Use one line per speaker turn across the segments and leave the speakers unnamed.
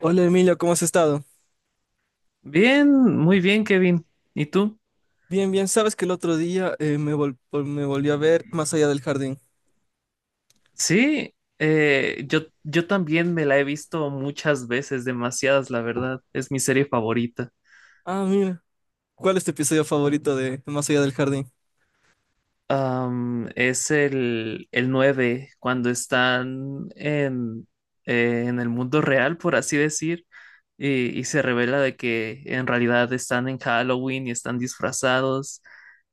Hola Emilio, ¿cómo has estado?
Bien, muy bien, Kevin. ¿Y tú?
Bien, bien, sabes que el otro día me volví a ver Más allá del jardín.
Sí, yo también me la he visto muchas veces, demasiadas, la verdad. Es mi serie favorita.
Ah, mira, ¿cuál es tu episodio favorito de Más allá del jardín?
Es el 9 cuando están en el mundo real, por así decir, y se revela de que en realidad están en Halloween y están disfrazados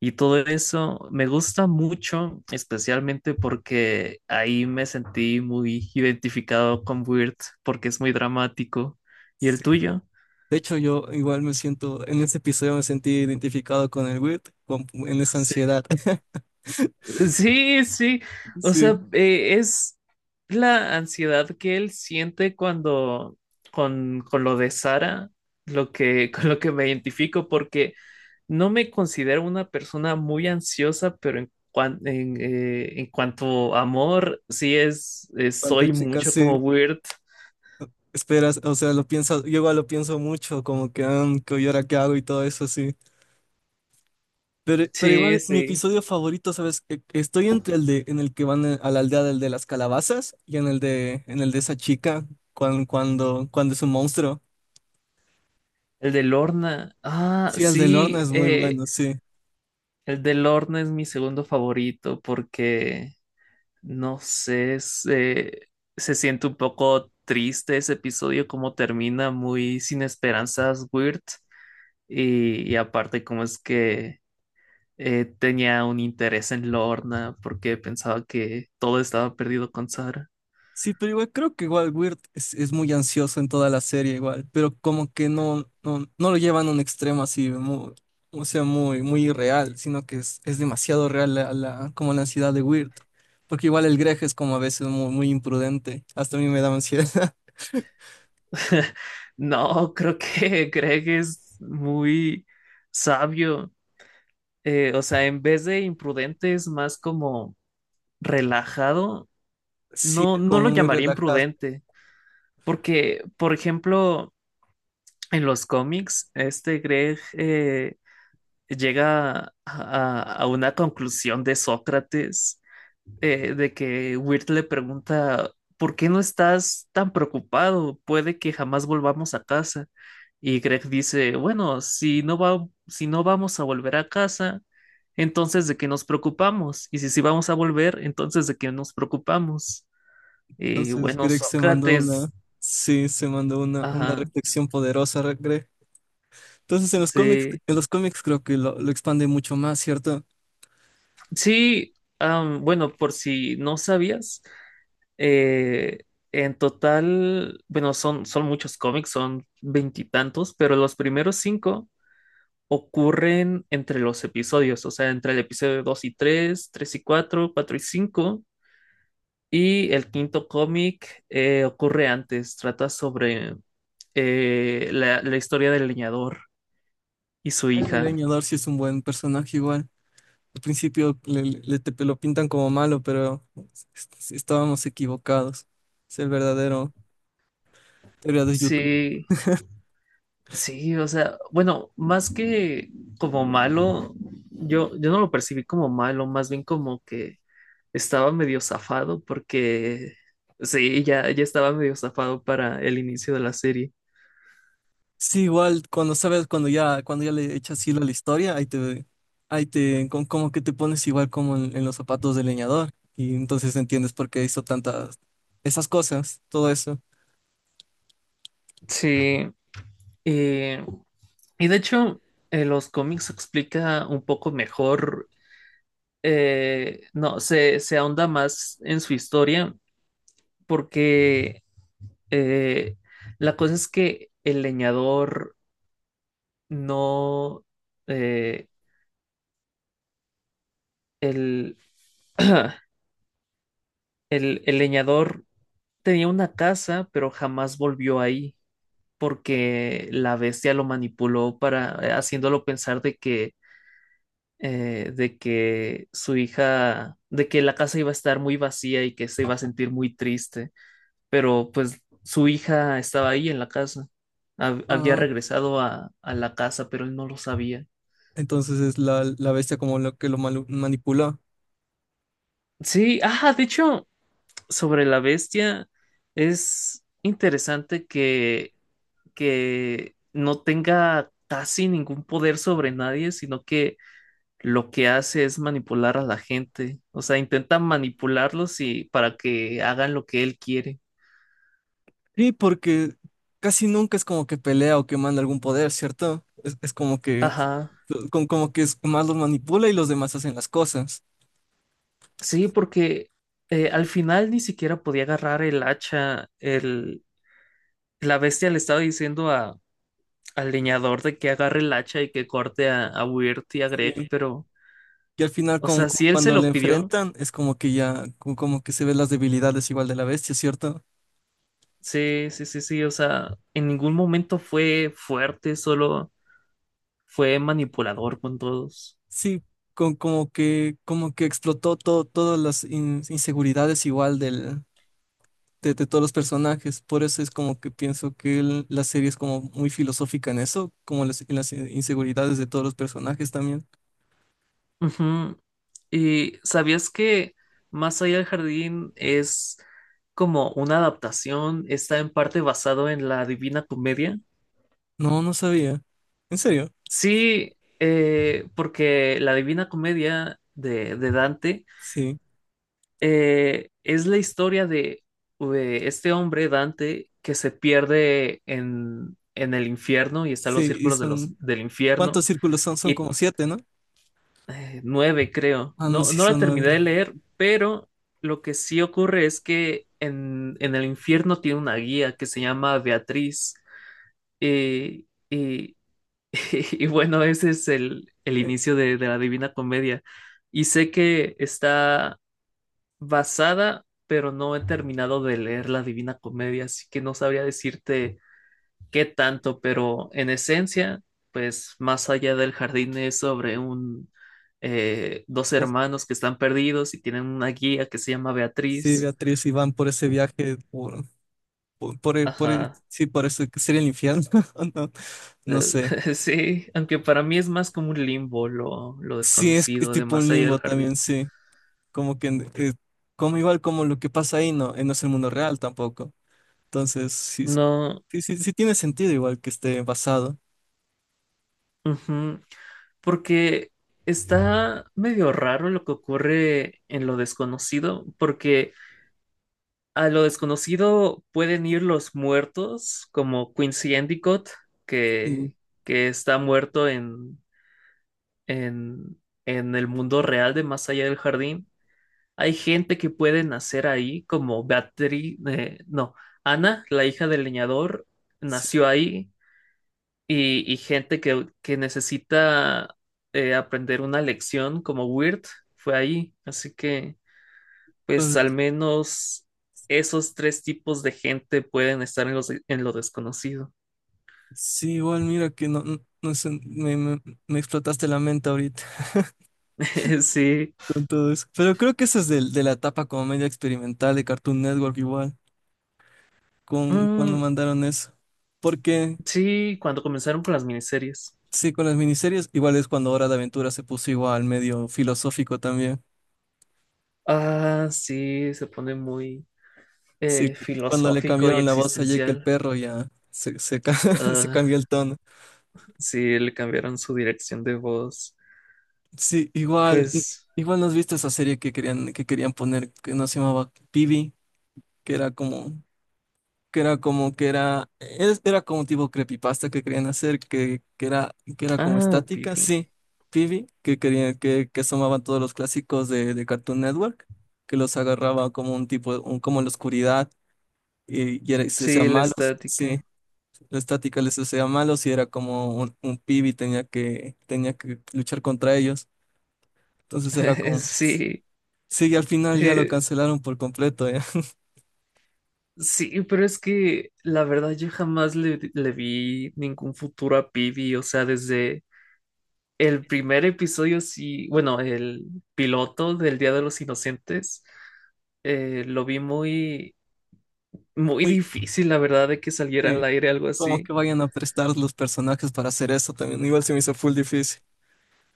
y todo eso. Me gusta mucho, especialmente porque ahí me sentí muy identificado con Weird, porque es muy dramático. ¿Y el
Sí.
tuyo?
De hecho, yo igual me siento, en ese episodio me sentí identificado con el Wirt, en esa ansiedad.
Sí, sí. O
Sí,
sea, es la ansiedad que él siente cuando con lo de Sara, lo que, con lo que me identifico, porque no me considero una persona muy ansiosa, pero en cuanto a amor, sí es,
cuando
soy
chicas,
mucho
sí,
como weird.
esperas, o sea, lo piensas, yo igual lo pienso mucho, como que, ah, ¿y ahora qué hago y todo eso, sí. Pero
Sí,
igual, mi
sí.
episodio favorito, ¿sabes? Estoy entre el de en el que van a la aldea del de las calabazas y en el de esa chica cuando cuando es un monstruo.
El de Lorna. Ah,
Sí, el de
sí,
Lorna es muy bueno, sí.
el de Lorna es mi segundo favorito porque no sé, se siente un poco triste ese episodio, como termina muy sin esperanzas, Weird. Y aparte, como es que tenía un interés en Lorna porque pensaba que todo estaba perdido con Sara.
Sí, pero igual creo que igual Weird es muy ansioso en toda la serie igual, pero como que no lo llevan a un extremo así muy, o sea, muy muy irreal, sino que es demasiado real como la ansiedad de Weird, porque igual el Greg es como a veces muy muy imprudente, hasta a mí me da ansiedad.
No, creo que Greg es muy sabio. O sea, en vez de imprudente, es más como relajado.
Sí,
No, no
como
lo
muy
llamaría
relajado.
imprudente. Porque, por ejemplo, en los cómics, este Greg llega a una conclusión de Sócrates, de que Wirt le pregunta, ¿por qué no estás tan preocupado? Puede que jamás volvamos a casa. Y Greg dice, bueno, si no vamos a volver a casa, entonces de qué nos preocupamos. Y si sí vamos a volver, entonces de qué nos preocupamos. Y
Entonces
bueno,
Greg se mandó una,
Sócrates,
sí, se mandó una
ajá,
reflexión poderosa, Greg. Entonces
sí.
en los cómics creo que lo expande mucho más, ¿cierto?
Sí, bueno, por si no sabías, eh, en total, bueno, son muchos cómics, son veintitantos, pero los primeros cinco ocurren entre los episodios, o sea, entre el episodio 2 y 3, 3 y 4, 4 y 5, y el quinto cómic ocurre antes, trata sobre la historia del leñador y su
El
hija.
leñador sí es un buen personaje igual. Al principio lo pintan como malo, pero estábamos equivocados. Es el verdadero héroe de YouTube.
Sí, sí, o sea, bueno, más que como malo, yo no lo percibí como malo, más bien como que estaba medio zafado porque sí, ya estaba medio zafado para el inicio de la serie.
Sí, igual cuando sabes, cuando ya le echas hilo a la historia, ahí te, como que te pones igual como en los zapatos del leñador y entonces entiendes por qué hizo tantas, esas cosas, todo eso.
Sí, eh, y de hecho, en los cómics se explica un poco mejor, no, se ahonda más en su historia porque eh, la cosa es que el leñador no eh, el, el leñador tenía una casa, pero jamás volvió ahí porque la bestia lo manipuló para haciéndolo pensar de que de que la casa iba a estar muy vacía y que se iba a sentir muy triste, pero pues su hija estaba ahí en la casa. Había
Ah,
regresado a la casa, pero él no lo sabía.
entonces es la bestia como lo que lo manipuló.
Sí, de hecho, sobre la bestia, es interesante que no tenga casi ningún poder sobre nadie, sino que lo que hace es manipular a la gente. O sea, intenta manipularlos y para que hagan lo que él quiere.
Sí, porque casi nunca es como que pelea o que manda algún poder, ¿cierto? Es como que,
Ajá.
como que es más los manipula y los demás hacen las cosas.
Sí, porque al final ni siquiera podía agarrar el hacha. La bestia le estaba diciendo al leñador de que agarre el hacha y que corte a Weird y a Greg,
Sí.
pero,
Y al final,
o sea, si él se
cuando le
lo pidió.
enfrentan, es como que ya, como que se ven las debilidades igual de la bestia, ¿cierto?
Sí, sí, sí, sí, o sea, en ningún momento fue fuerte, solo fue manipulador con todos.
Sí, con, como que explotó todo, todas las inseguridades igual del, de todos los personajes. Por eso es como que pienso que la serie es como muy filosófica en eso, como las, en las inseguridades de todos los personajes también.
Ujú. ¿Y sabías que Más allá del jardín es como una adaptación, está en parte basado en la Divina Comedia?
No, no sabía. ¿En serio?
Sí, porque la Divina Comedia de Dante
Sí,
Es la historia de este hombre, Dante, que se pierde en el infierno y está en los
sí, y
círculos de
son,
del infierno.
¿cuántos círculos son? Son
Y
como 7, ¿no?
nueve, creo.
Ah, no,
No,
sí,
no la
son
terminé de
9.
leer, pero lo que sí ocurre es que en el infierno tiene una guía que se llama Beatriz. eh, y, y bueno, ese es el
Eh,
inicio de la Divina Comedia. Y sé que está basada, pero no he terminado de leer La Divina Comedia, así que no sabría decirte qué tanto, pero en esencia, pues más allá del jardín es sobre un dos hermanos que están perdidos y tienen una guía que se llama
Sí,
Beatriz.
Beatriz, y van por ese viaje,
Ajá.
sí, por eso que sería el infierno, no, no sé.
Sí, aunque para mí es más como un limbo lo
Sí, es
desconocido de
tipo un
más allá del
limbo también,
jardín.
sí. Como que, como igual como lo que pasa ahí, no, no es el mundo real tampoco. Entonces, sí,
No,
sí, sí, sí tiene sentido igual que esté basado.
ujú, porque está medio raro lo que ocurre en lo desconocido, porque a lo desconocido pueden ir los muertos, como Quincy Endicott,
Sí,
que, que está muerto en, en el mundo real de Más allá del jardín. Hay gente que puede nacer ahí, como Battery, no, Ana, la hija del leñador,
sí,
nació ahí y gente que necesita aprender una lección como Weird fue ahí. Así que, pues al
entonces,
menos esos tres tipos de gente pueden estar en lo desconocido.
sí, igual mira que no, no, no sé, me explotaste la mente ahorita
Sí.
con todo eso. Pero creo que eso es de la etapa como media experimental de Cartoon Network igual. Con cuando
Mm,
mandaron eso. Porque
sí, cuando comenzaron con las miniseries.
sí, con las miniseries, igual es cuando Hora de Aventura se puso igual medio filosófico también.
Ah, sí, se pone muy
Sí, cuando le
filosófico y
cambiaron la voz a Jake el
existencial.
perro ya se, se
Ah,
cambió el tono.
sí, le cambiaron su dirección de voz.
Sí,
Pues,
igual nos viste esa serie que querían poner, que no se llamaba Pibi, que era como que era como que era, era como un tipo creepypasta que querían hacer, que era como estática,
Pibi.
sí, Phoebe, que querían, que asomaban todos los clásicos de Cartoon Network, que los agarraba como un tipo, como en la oscuridad, y era, se hacían
Sí, la
malos, sí,
estática.
la estática les hacía malos y era como un Phoebe tenía que luchar contra ellos. Entonces era como,
Sí,
sí, y al final ya lo
eh,
cancelaron por completo, ya.
sí, pero es que la verdad yo jamás le vi ningún futuro a Pibi, o sea, desde el primer episodio, sí, bueno, el piloto del Día de los Inocentes, lo vi muy, muy
Muy,
difícil, la verdad, de que saliera al
sí.
aire algo
Como
así.
que vayan a prestar los personajes para hacer eso también. Igual se me hizo full difícil.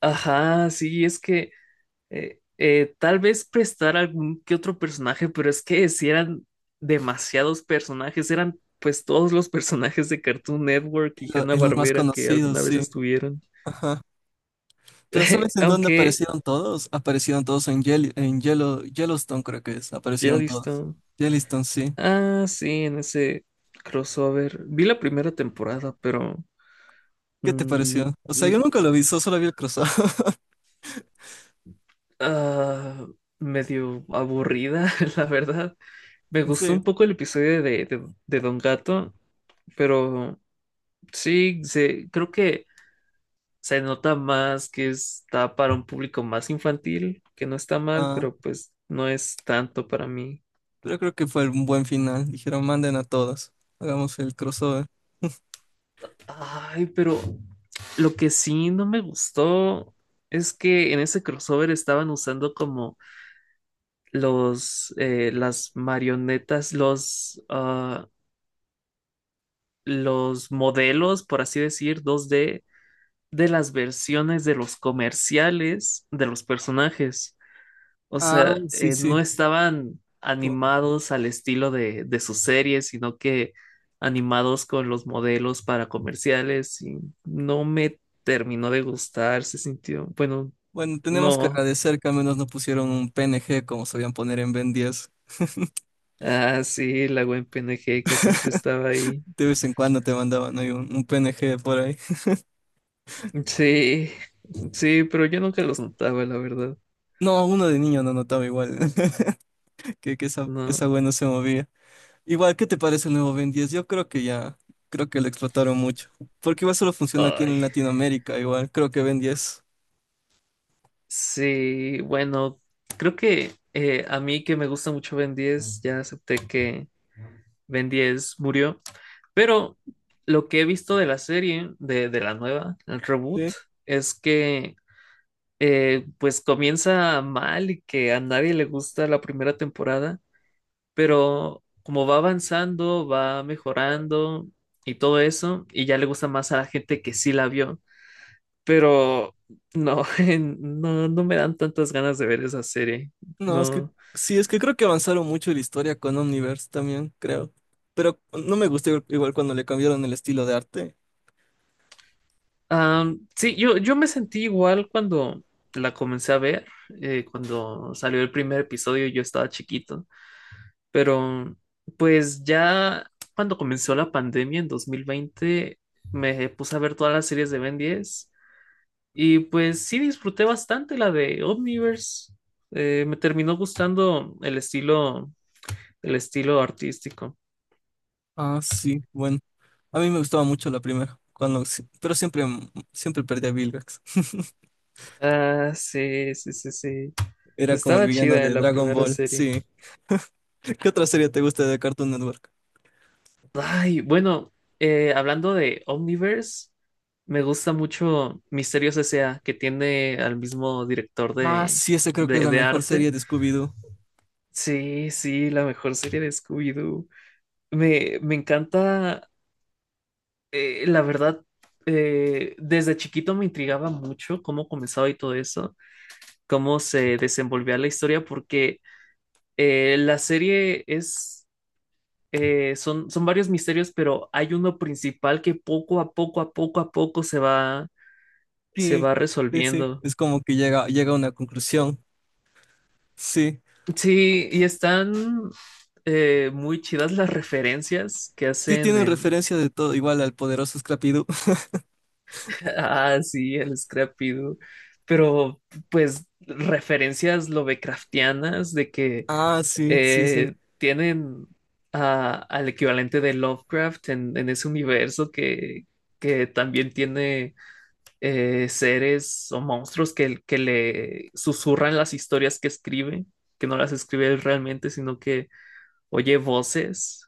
Ajá, sí, es que tal vez prestar algún que otro personaje, pero es que si eran demasiados personajes, eran pues todos los personajes de Cartoon Network
Y,
y
y los más
Hanna-Barbera que
conocidos,
alguna vez
sí.
estuvieron.
Ajá. Pero ¿sabes en dónde
Aunque
aparecieron todos? Aparecieron todos en, Yellowstone, creo que es. Aparecieron todos.
Jellystone.
Yellowstone, sí.
Ah, sí, en ese crossover. Vi la primera temporada, pero
¿Qué te
mm,
pareció? O sea, yo
mm,
nunca lo vi, solo vi el crossover.
ah, medio aburrida, la verdad. Me gustó
Sí.
un poco el episodio de Don Gato, pero sí, creo que se nota más que está para un público más infantil, que no está mal,
Ah,
pero pues no es tanto para mí.
pero creo que fue un buen final. Dijeron, manden a todos. Hagamos el crossover.
Ay, pero lo que sí no me gustó es que en ese crossover estaban usando como los las marionetas, los modelos, por así decir, 2D de las versiones de los comerciales de los personajes. O
Ah,
sea,
sí,
no
sí.
estaban
Como-
animados al estilo de sus series, sino que animados con los modelos para comerciales y no me terminó de gustar, se sintió, bueno,
Bueno, tenemos que
no.
agradecer que al menos no pusieron un PNG como sabían poner en Ben 10.
Ah, sí, la buen PNG que siempre estaba ahí.
De vez en cuando te mandaban ahí un PNG por ahí.
Sí, sí, pero yo nunca los notaba, la verdad.
No, uno de niño no notaba igual que esa,
No.
esa wea no se movía. Igual, ¿qué te parece el nuevo Ben 10? Yo creo que ya, creo que lo explotaron mucho. Porque igual solo funciona aquí en
Ay,
Latinoamérica, igual, creo que Ben 10.
sí, bueno, creo que a mí que me gusta mucho Ben 10, ya acepté que Ben 10 murió. Pero lo que he visto de la serie, de la nueva, el reboot,
Sí.
es que pues comienza mal y que a nadie le gusta la primera temporada, pero como va avanzando, va mejorando y todo eso, y ya le gusta más a la gente que sí la vio. Pero no, no me dan tantas ganas de ver esa serie.
No, es que
No,
sí, es que creo que avanzaron mucho la historia con Omniverse también, creo. Pero no me gustó igual cuando le cambiaron el estilo de arte.
Sí, yo me sentí igual cuando la comencé a ver, cuando salió el primer episodio, yo estaba chiquito, pero pues ya cuando comenzó la pandemia en 2020 me puse a ver todas las series de Ben 10 y pues sí disfruté bastante la de Omniverse. Me terminó gustando el estilo, artístico.
Ah, sí, bueno. A mí me gustaba mucho la primera, cuando, sí, pero siempre, siempre perdía a Vilgax.
Ah, sí, sí, sí, sí.
Era como el
Estaba
villano
chida
de
la
Dragon
primera
Ball,
serie.
sí. ¿Qué otra serie te gusta de Cartoon Network?
Ay, bueno, hablando de Omniverse, me gusta mucho Misterios S.A., que tiene al mismo director
Ah, sí, esa creo que es la
de
mejor serie
arte.
de Scooby-Doo.
Sí, sí, la mejor serie de Scooby-Doo. Me encanta, la verdad, desde chiquito me intrigaba mucho cómo comenzaba y todo eso, cómo se desenvolvía la historia, porque la serie es son varios misterios, pero hay uno principal que poco a poco, a poco a poco se
Sí,
va
sí, sí.
resolviendo.
Es como que llega, llega a una conclusión. Sí.
Sí, y están muy chidas las referencias que
Sí,
hacen
tienen
en...
referencia de todo, igual al poderoso Scrappy-Doo.
Ah, sí, el Scrappy Doo. Pero pues referencias lovecraftianas de que
Ah, sí, sí, sí.
tienen al equivalente de Lovecraft en ese universo que también tiene seres o monstruos que le susurran las historias que escribe, que no las escribe él realmente, sino que oye voces.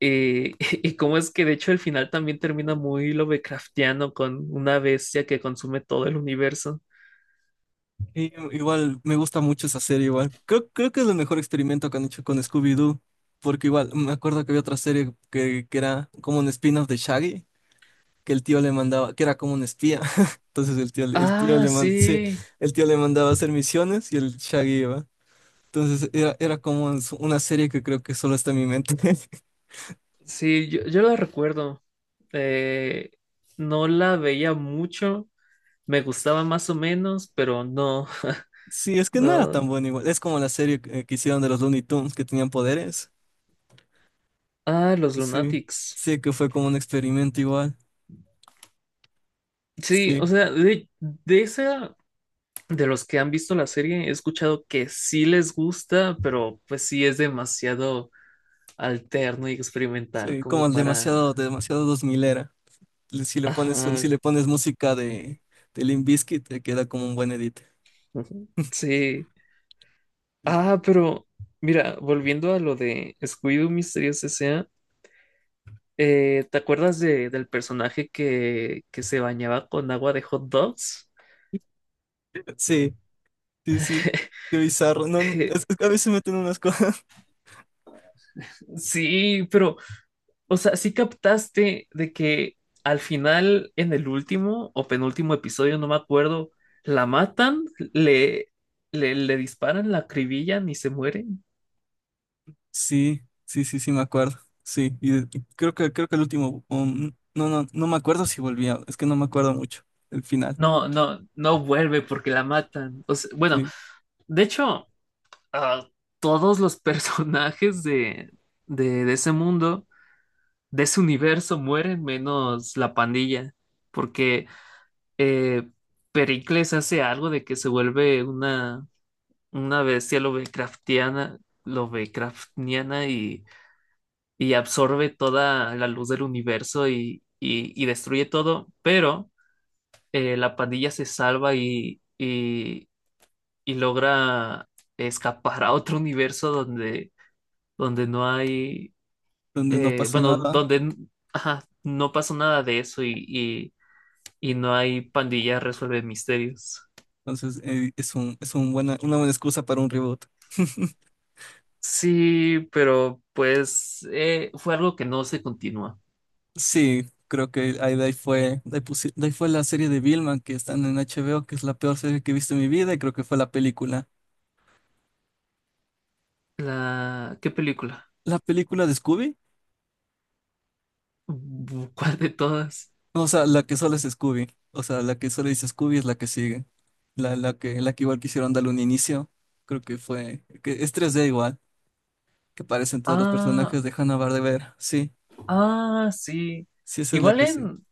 Eh, y cómo es que de hecho el final también termina muy Lovecraftiano con una bestia que consume todo el universo.
Y, igual, me gusta mucho esa serie, igual. Creo, creo que es el mejor experimento que han hecho con Scooby-Doo. Porque igual, me acuerdo que había otra serie que era como un spin-off de Shaggy, que el tío le mandaba, que era como un espía. Entonces el tío
Ah,
sí,
sí,
el tío le mandaba a hacer misiones y el Shaggy iba. Entonces era, era como una serie que creo que solo está en mi mente.
sí, yo la recuerdo. Eh, no la veía mucho, me gustaba más o menos, pero no,
Sí, es que no era
no.
tan buena igual. Es como la serie que hicieron de los Looney Tunes que tenían poderes.
Ah, los
Sí,
Lunatics.
sí, que fue como un experimento igual.
Sí,
Sí,
o sea, de esa, de los que han visto la serie, he escuchado que sí les gusta, pero pues sí es demasiado alterno y experimental
sí, como
como
el
para...
demasiado, demasiado dos mil era.
Ajá,
Si le pones música de Limp Bizkit, te queda como un buen edit.
ujú, sí. Ah, pero mira, volviendo a lo de Scooby-Doo Misterios S.A., ¿te acuerdas del personaje que se bañaba con agua de hot dogs?
Sí. Sí, sí, qué bizarro. No, es que a veces meten unas cosas.
Sí, pero, o sea, sí captaste de que al final, en el último o penúltimo episodio, no me acuerdo, la matan, le, le disparan, la acribillan y se mueren.
Sí, sí, sí, sí, me acuerdo. Sí, y creo que el último, no, no, no me acuerdo si volvía, es que no me acuerdo mucho el final,
No, no, no vuelve porque la matan. O sea, bueno,
sí,
de hecho, ah, todos los personajes de ese mundo, de ese universo, mueren menos la pandilla, porque eh, Pericles hace algo de que se vuelve una bestia Lovecraftiana, y absorbe toda la luz del universo y destruye todo, pero la pandilla se salva y logra escapar a otro universo donde no hay,
donde no pasó
bueno,
nada.
donde no pasó nada de eso y no hay pandilla resuelve misterios.
Entonces es un buena, una buena excusa para un reboot.
Sí, pero pues fue algo que no se continúa.
Sí, creo que ahí, de ahí fue la serie de Vilma que están en HBO, que es la peor serie que he visto en mi vida, y creo que fue la película.
¿Qué película?
¿La película de Scooby?
¿Cuál de todas?
O sea, la que solo es Scooby. O sea, la que solo dice Scooby es la que sigue. La que igual quisieron darle un inicio. Creo que fue. Que es tres d igual. Que aparecen todos los
Ah,
personajes de Hanna-Barbera. Sí,
sí.
sí, esa es la
Igual
que sí.
en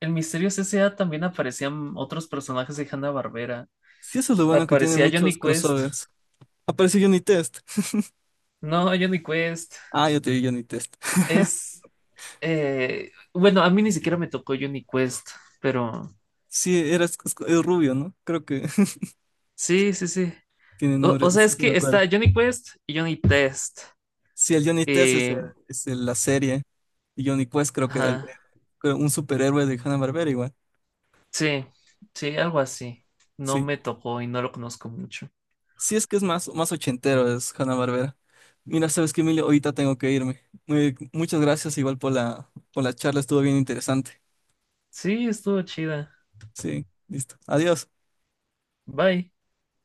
El Misterio C S.A. también aparecían otros personajes de Hanna-Barbera.
Sí, eso es lo bueno que tiene
Aparecía Johnny
muchos
Quest.
crossovers. Aparece Johnny Test.
No, Johnny Quest.
Ah, yo te vi Johnny Test.
Es... Bueno, a mí ni siquiera me tocó Johnny Quest, pero...
Sí, era el rubio, ¿no? Creo que
Sí, sí, sí.
tiene
O,
nombre.
o sea,
Sí,
es
sí, me
que
acuerdo.
está Johnny Quest y Johnny Test.
Sí, el Johnny Test es,
Eh,
la serie. Y Johnny Quest creo que era
ajá.
creo un superhéroe de Hanna-Barbera igual.
Sí, sí, algo así. No
Sí.
me tocó y no lo conozco mucho.
Sí, es que es más, más ochentero, es Hanna-Barbera. Mira, sabes que Emilio, ahorita tengo que irme. Muchas gracias igual por la charla, estuvo bien interesante.
Sí, estuvo chida.
Sí, listo. Adiós.
Bye.